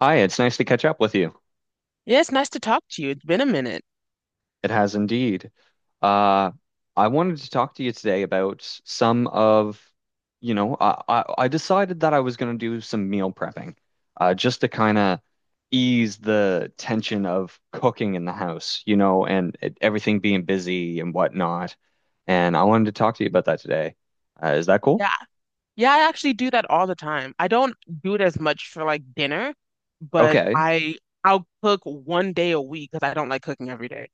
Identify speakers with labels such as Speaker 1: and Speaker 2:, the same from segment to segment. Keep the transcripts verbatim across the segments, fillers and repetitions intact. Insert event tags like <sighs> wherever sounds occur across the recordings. Speaker 1: Hi, it's nice to catch up with you.
Speaker 2: Yes, nice to talk to you. It's been a minute.
Speaker 1: It has indeed. Uh, I wanted to talk to you today about some of, you know, I, I, I decided that I was going to do some meal prepping, uh, just to kind of ease the tension of cooking in the house, you know, and it, everything being busy and whatnot. And I wanted to talk to you about that today. Uh, is that cool?
Speaker 2: Yeah. Yeah, I actually do that all the time. I don't do it as much for like dinner, but
Speaker 1: Okay.
Speaker 2: I I'll cook one day a week because I don't like cooking every day.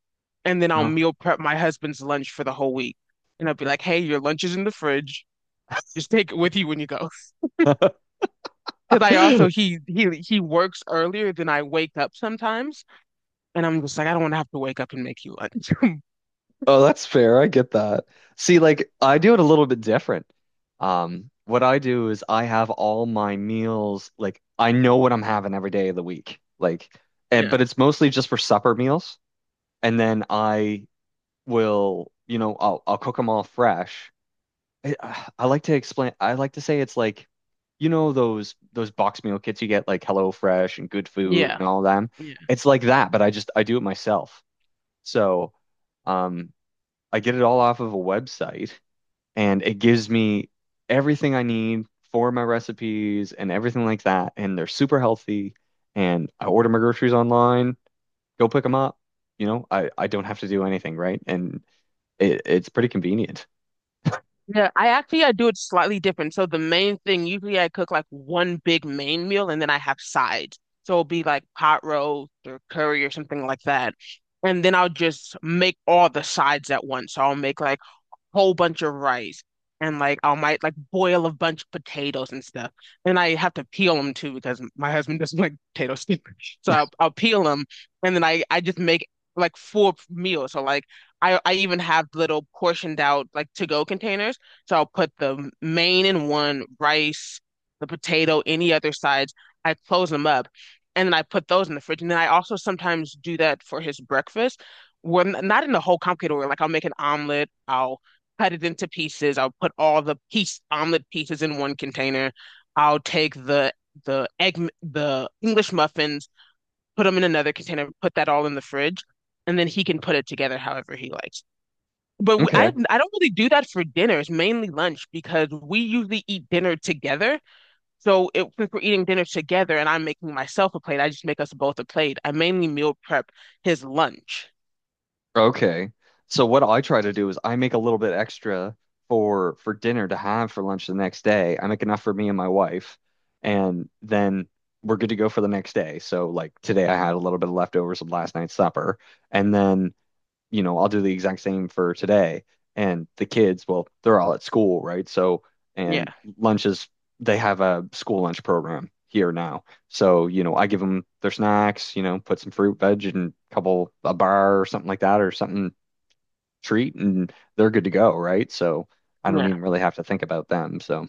Speaker 2: And then I'll
Speaker 1: Oh.
Speaker 2: meal prep my husband's lunch for the whole week. And I'll be like, "Hey, your lunch is in the fridge. Just take it with you when you go." <laughs> Because I also
Speaker 1: <laughs>
Speaker 2: he he he works earlier than I wake up sometimes, and I'm just like, I don't want to have to wake up and make you lunch. <laughs>
Speaker 1: Oh, that's fair. I get that. See, like I do it a little bit different. Um, what I do is I have all my meals, like I know what I'm having every day of the week. Like, and,
Speaker 2: Yeah.
Speaker 1: but it's mostly just for supper meals. And then I will, you know, I'll I'll cook them all fresh. I, I like to explain, I like to say it's like, you know, those those box meal kits you get like HelloFresh and Good Food
Speaker 2: Yeah.
Speaker 1: and all them. It's like that, but I just I do it myself. So, um I get it all off of a website and it gives me everything I need for my recipes and everything like that. And they're super healthy. And I order my groceries online, go pick them up. You know, I, I don't have to do anything, right? And it, it's pretty convenient.
Speaker 2: Yeah, I actually I do it slightly different. So the main thing, usually I cook like one big main meal and then I have sides. So it'll be like pot roast or curry or something like that. And then I'll just make all the sides at once. So I'll make like whole bunch of rice and like I might like boil a bunch of potatoes and stuff. And I have to peel them too because my husband doesn't like potatoes. <laughs> So I'll, I'll peel them and then I I just make like four meals. So like I I even have little portioned out like to go containers. So I'll put the main in one, rice, the potato, any other sides. I close them up and then I put those in the fridge. And then I also sometimes do that for his breakfast. When not in the whole complicated order, like I'll make an omelet, I'll cut it into pieces. I'll put all the piece omelet pieces in one container. I'll take the the egg the English muffins, put them in another container, put that all in the fridge, and then he can put it together however he likes. But we, I
Speaker 1: Okay.
Speaker 2: I don't really do that for dinners, mainly lunch because we usually eat dinner together. So it, since we're eating dinner together and I'm making myself a plate, I just make us both a plate. I mainly meal prep his lunch.
Speaker 1: Okay. So what I try to do is I make a little bit extra for for dinner to have for lunch the next day. I make enough for me and my wife, and then we're good to go for the next day. So like today I had a little bit of leftovers of last night's supper, and then you know, I'll do the exact same for today. And the kids, well, they're all at school, right? So,
Speaker 2: Yeah,
Speaker 1: and lunches, they have a school lunch program here now. So, you know, I give them their snacks, you know, put some fruit, veg, and a couple, a bar or something like that, or something treat, and they're good to go, right? So I don't
Speaker 2: yeah.
Speaker 1: even really have to think about them. So,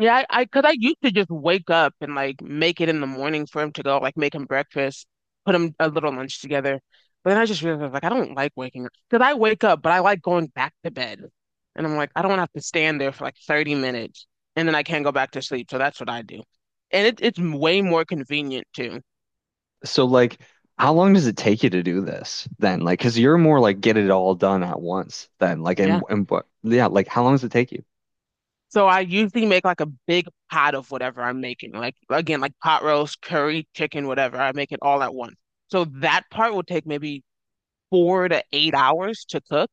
Speaker 2: Yeah, I, I, cause I used to just wake up and like make it in the morning for him to go, like make him breakfast, put him a little lunch together. But then I just realized like I don't like waking up. Cause I wake up, but I like going back to bed. And I'm like, I don't want to have to stand there for like thirty minutes and then I can't go back to sleep. So that's what I do. And it, it's way more convenient too.
Speaker 1: so like, how long does it take you to do this then? Like, because you're more like get it all done at once then. Like, and,
Speaker 2: Yeah.
Speaker 1: and what, yeah, like, how long does it take you?
Speaker 2: So I usually make like a big pot of whatever I'm making. Like again, like pot roast, curry, chicken, whatever. I make it all at once. So that part will take maybe four to eight hours to cook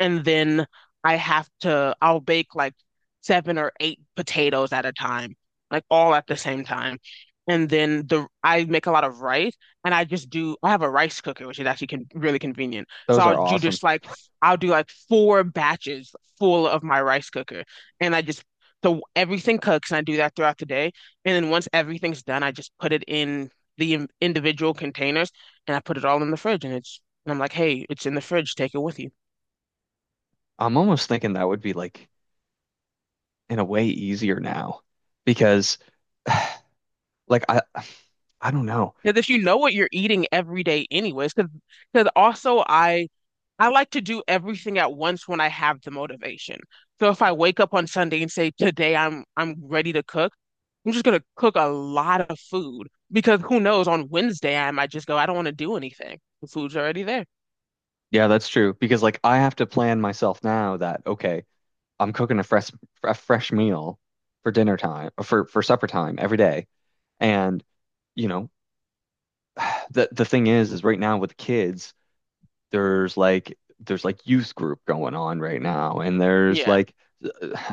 Speaker 2: and then I have to I'll bake like seven or eight potatoes at a time, like all at the same time. And then the I make a lot of rice and I just do I have a rice cooker, which is actually con really convenient. So
Speaker 1: Those
Speaker 2: I'll
Speaker 1: are
Speaker 2: do
Speaker 1: awesome.
Speaker 2: just like I'll do like four batches full of my rice cooker. And I just so everything cooks and I do that throughout the day. And then once everything's done, I just put it in the in- individual containers and I put it all in the fridge and it's and I'm like, hey, it's in the fridge, take it with you.
Speaker 1: I'm almost thinking that would be like in a way easier now because <sighs> like I I don't know.
Speaker 2: Because if you know what you're eating every day anyways, because because also I I like to do everything at once when I have the motivation. So if I wake up on Sunday and say, today I'm I'm ready to cook, I'm just gonna cook a lot of food because who knows, on Wednesday I might just go, I don't want to do anything. The food's already there.
Speaker 1: Yeah, that's true because like I have to plan myself now that okay, I'm cooking a fresh a fresh meal for dinner time for for supper time every day and you know <sighs> the the thing is is right now with kids there's like there's like youth group going on right now and there's
Speaker 2: Yeah,
Speaker 1: like <sighs>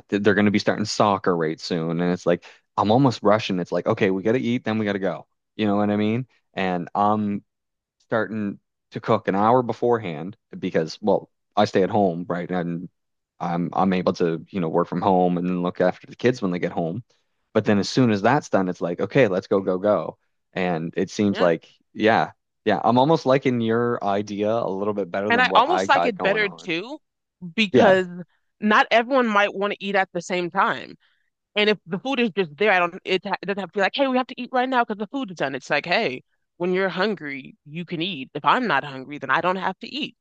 Speaker 1: they're going to be starting soccer right soon and it's like I'm almost rushing it's like okay we got to eat then we got to go you know what I mean and I'm starting to cook an hour beforehand because, well, I stay at home, right? And I'm I'm able to, you know, work from home and then look after the kids when they get home. But then as soon as that's done, it's like, okay, let's go, go, go. And it seems
Speaker 2: yeah.
Speaker 1: like, yeah, yeah, I'm almost liking your idea a little bit better
Speaker 2: And
Speaker 1: than
Speaker 2: I
Speaker 1: what I
Speaker 2: almost like
Speaker 1: got
Speaker 2: it
Speaker 1: going
Speaker 2: better
Speaker 1: on.
Speaker 2: too
Speaker 1: Yeah.
Speaker 2: because not everyone might want to eat at the same time. And if the food is just there, I don't, it, ha- it doesn't have to be like, hey, we have to eat right now because the food is done. It's like, hey, when you're hungry, you can eat. If I'm not hungry, then I don't have to eat.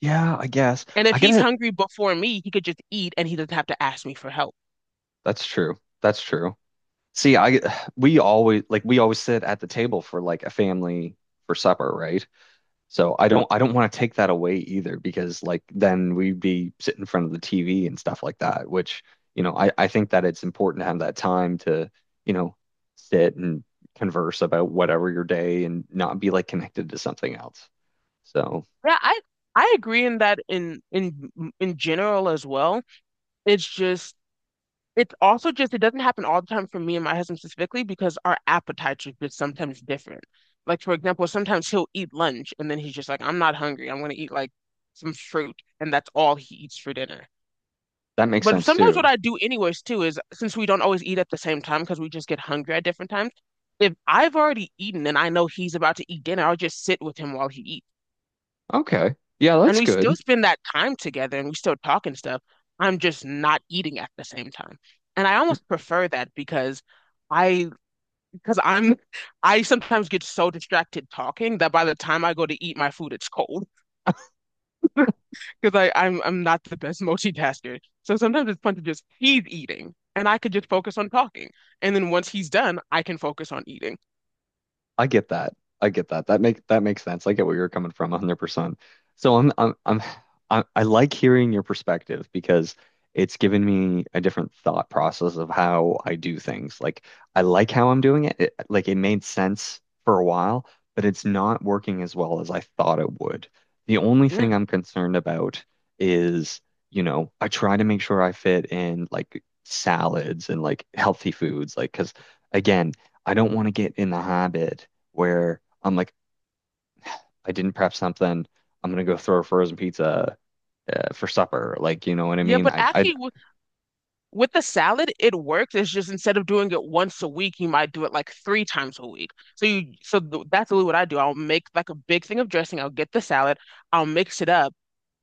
Speaker 1: Yeah, I guess.
Speaker 2: And
Speaker 1: I
Speaker 2: if he's
Speaker 1: gotta,
Speaker 2: hungry before me, he could just eat and he doesn't have to ask me for help.
Speaker 1: that's true. That's true. See, I, we always, like, we always sit at the table for like a family for supper, right? So I don't I don't want to take that away either because like then we'd be sitting in front of the T V and stuff like that, which, you know, I, I think that it's important to have that time to, you know, sit and converse about whatever your day and not be like connected to something else. So
Speaker 2: Yeah, I I agree in that in in in general as well. It's just it's also just, it doesn't happen all the time for me and my husband specifically because our appetites are just sometimes different. Like, for example, sometimes he'll eat lunch and then he's just like, I'm not hungry. I'm going to eat like some fruit. And that's all he eats for dinner.
Speaker 1: that makes
Speaker 2: But
Speaker 1: sense
Speaker 2: sometimes what
Speaker 1: too.
Speaker 2: I do, anyways, too, is since we don't always eat at the same time because we just get hungry at different times, if I've already eaten and I know he's about to eat dinner, I'll just sit with him while he eats.
Speaker 1: Okay. Yeah,
Speaker 2: And
Speaker 1: that's
Speaker 2: we still
Speaker 1: good.
Speaker 2: spend that time together and we still talk and stuff. I'm just not eating at the same time. And I almost prefer that because I because I'm <laughs> I sometimes get so distracted talking that by the time I go to eat my food, it's cold <laughs> because I I'm I'm not the best <laughs> multitasker. So sometimes it's fun to just he's eating and I could just focus on talking. And then once he's done, I can focus on eating.
Speaker 1: I get that. I get that. That make that makes sense. I get where you're coming from one hundred percent. So I'm I'm I'm I, I like hearing your perspective because it's given me a different thought process of how I do things. Like I like how I'm doing it. It like it made sense for a while, but it's not working as well as I thought it would. The only
Speaker 2: Yeah.
Speaker 1: thing I'm concerned about is, you know, I try to make sure I fit in like salads and like healthy foods, like because again, I don't want to get in the habit where I'm like, I didn't prep something. I'm gonna go throw a frozen pizza uh, for supper. Like, you know what I
Speaker 2: Yeah,
Speaker 1: mean?
Speaker 2: but
Speaker 1: I, I,
Speaker 2: actually it was with the salad, it works. It's just instead of doing it once a week, you might do it like three times a week. So you, so th that's really what I do. I'll make like a big thing of dressing. I'll get the salad. I'll mix it up,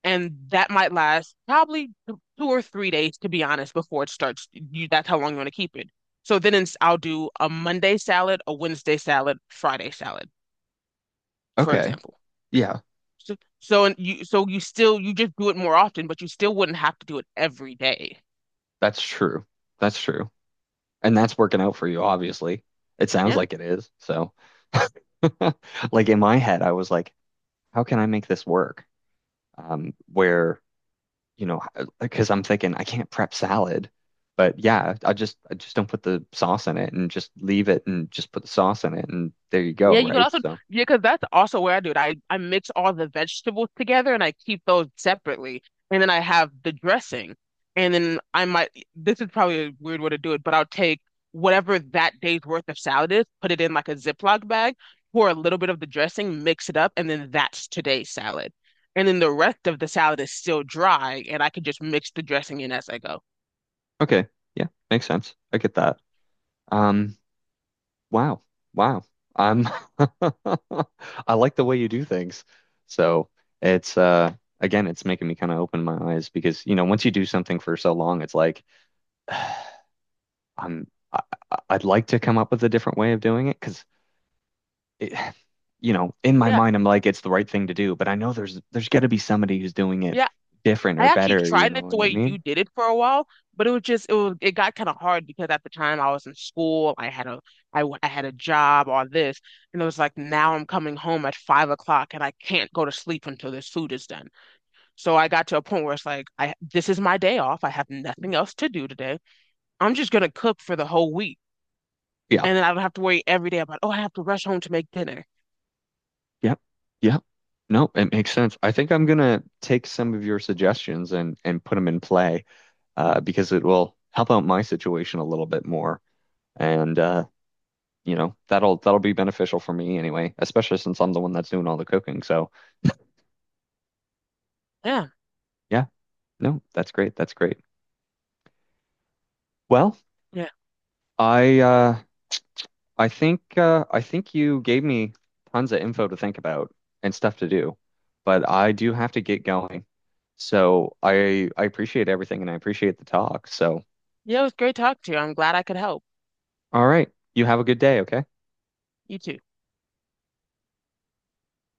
Speaker 2: and that might last probably t- two or three days, to be honest, before it starts. You, that's how long you want to keep it. So then it's, I'll do a Monday salad, a Wednesday salad, Friday salad, for
Speaker 1: okay,
Speaker 2: example.
Speaker 1: yeah,
Speaker 2: So, so and you, so you still you just do it more often, but you still wouldn't have to do it every day.
Speaker 1: that's true. That's true, and that's working out for you, obviously. It sounds
Speaker 2: Yeah.
Speaker 1: like it is. So, <laughs> like in my head, I was like, how can I make this work? Um, where you know, because I'm thinking I can't prep salad, but yeah, I just I just don't put the sauce in it and just leave it and just put the sauce in it and there you go,
Speaker 2: Yeah, you could
Speaker 1: right?
Speaker 2: also,
Speaker 1: So,
Speaker 2: yeah, because that's also where I do it. I, I mix all the vegetables together and I keep those separately. And then I have the dressing. And then I might, this is probably a weird way to do it, but I'll take whatever that day's worth of salad is, put it in like a Ziploc bag, pour a little bit of the dressing, mix it up, and then that's today's salad. And then the rest of the salad is still dry, and I can just mix the dressing in as I go.
Speaker 1: okay, yeah, makes sense. I get that. Um, wow. Wow. Um, <laughs> I like the way you do things. So it's uh again, it's making me kind of open my eyes because, you know, once you do something for so long, it's like <sighs> I'm I, I- I'd like to come up with a different way of doing it because it, <sighs> you know, in my
Speaker 2: Yeah.
Speaker 1: mind, I'm like it's the right thing to do, but I know there's there's got to be somebody who's doing it
Speaker 2: Yeah,
Speaker 1: different
Speaker 2: I
Speaker 1: or
Speaker 2: actually
Speaker 1: better, you
Speaker 2: tried
Speaker 1: know
Speaker 2: it the
Speaker 1: what I
Speaker 2: way you
Speaker 1: mean?
Speaker 2: did it for a while, but it was just it was it got kind of hard because at the time I was in school, I had a I, w- I had a job or this, and it was like now I'm coming home at five o'clock and I can't go to sleep until this food is done. So I got to a point where it's like I this is my day off. I have nothing else to do today. I'm just gonna cook for the whole week,
Speaker 1: Yeah,
Speaker 2: and then I don't have to worry every day about oh I have to rush home to make dinner.
Speaker 1: yeah, yeah. No, it makes sense. I think I'm gonna take some of your suggestions and and put them in play. Uh, because it will help out my situation a little bit more. And uh, you know, that'll that'll be beneficial for me anyway, especially since I'm the one that's doing all the cooking. So
Speaker 2: Yeah,
Speaker 1: yeah, no, that's great. That's great. Well,
Speaker 2: yeah,
Speaker 1: I uh, I think uh, I think you gave me tons of info to think about and stuff to do, but I do have to get going. So I I appreciate everything and I appreciate the talk. So
Speaker 2: yeah. It was great talking to you. I'm glad I could help.
Speaker 1: all right, you have a good day, okay?
Speaker 2: You too.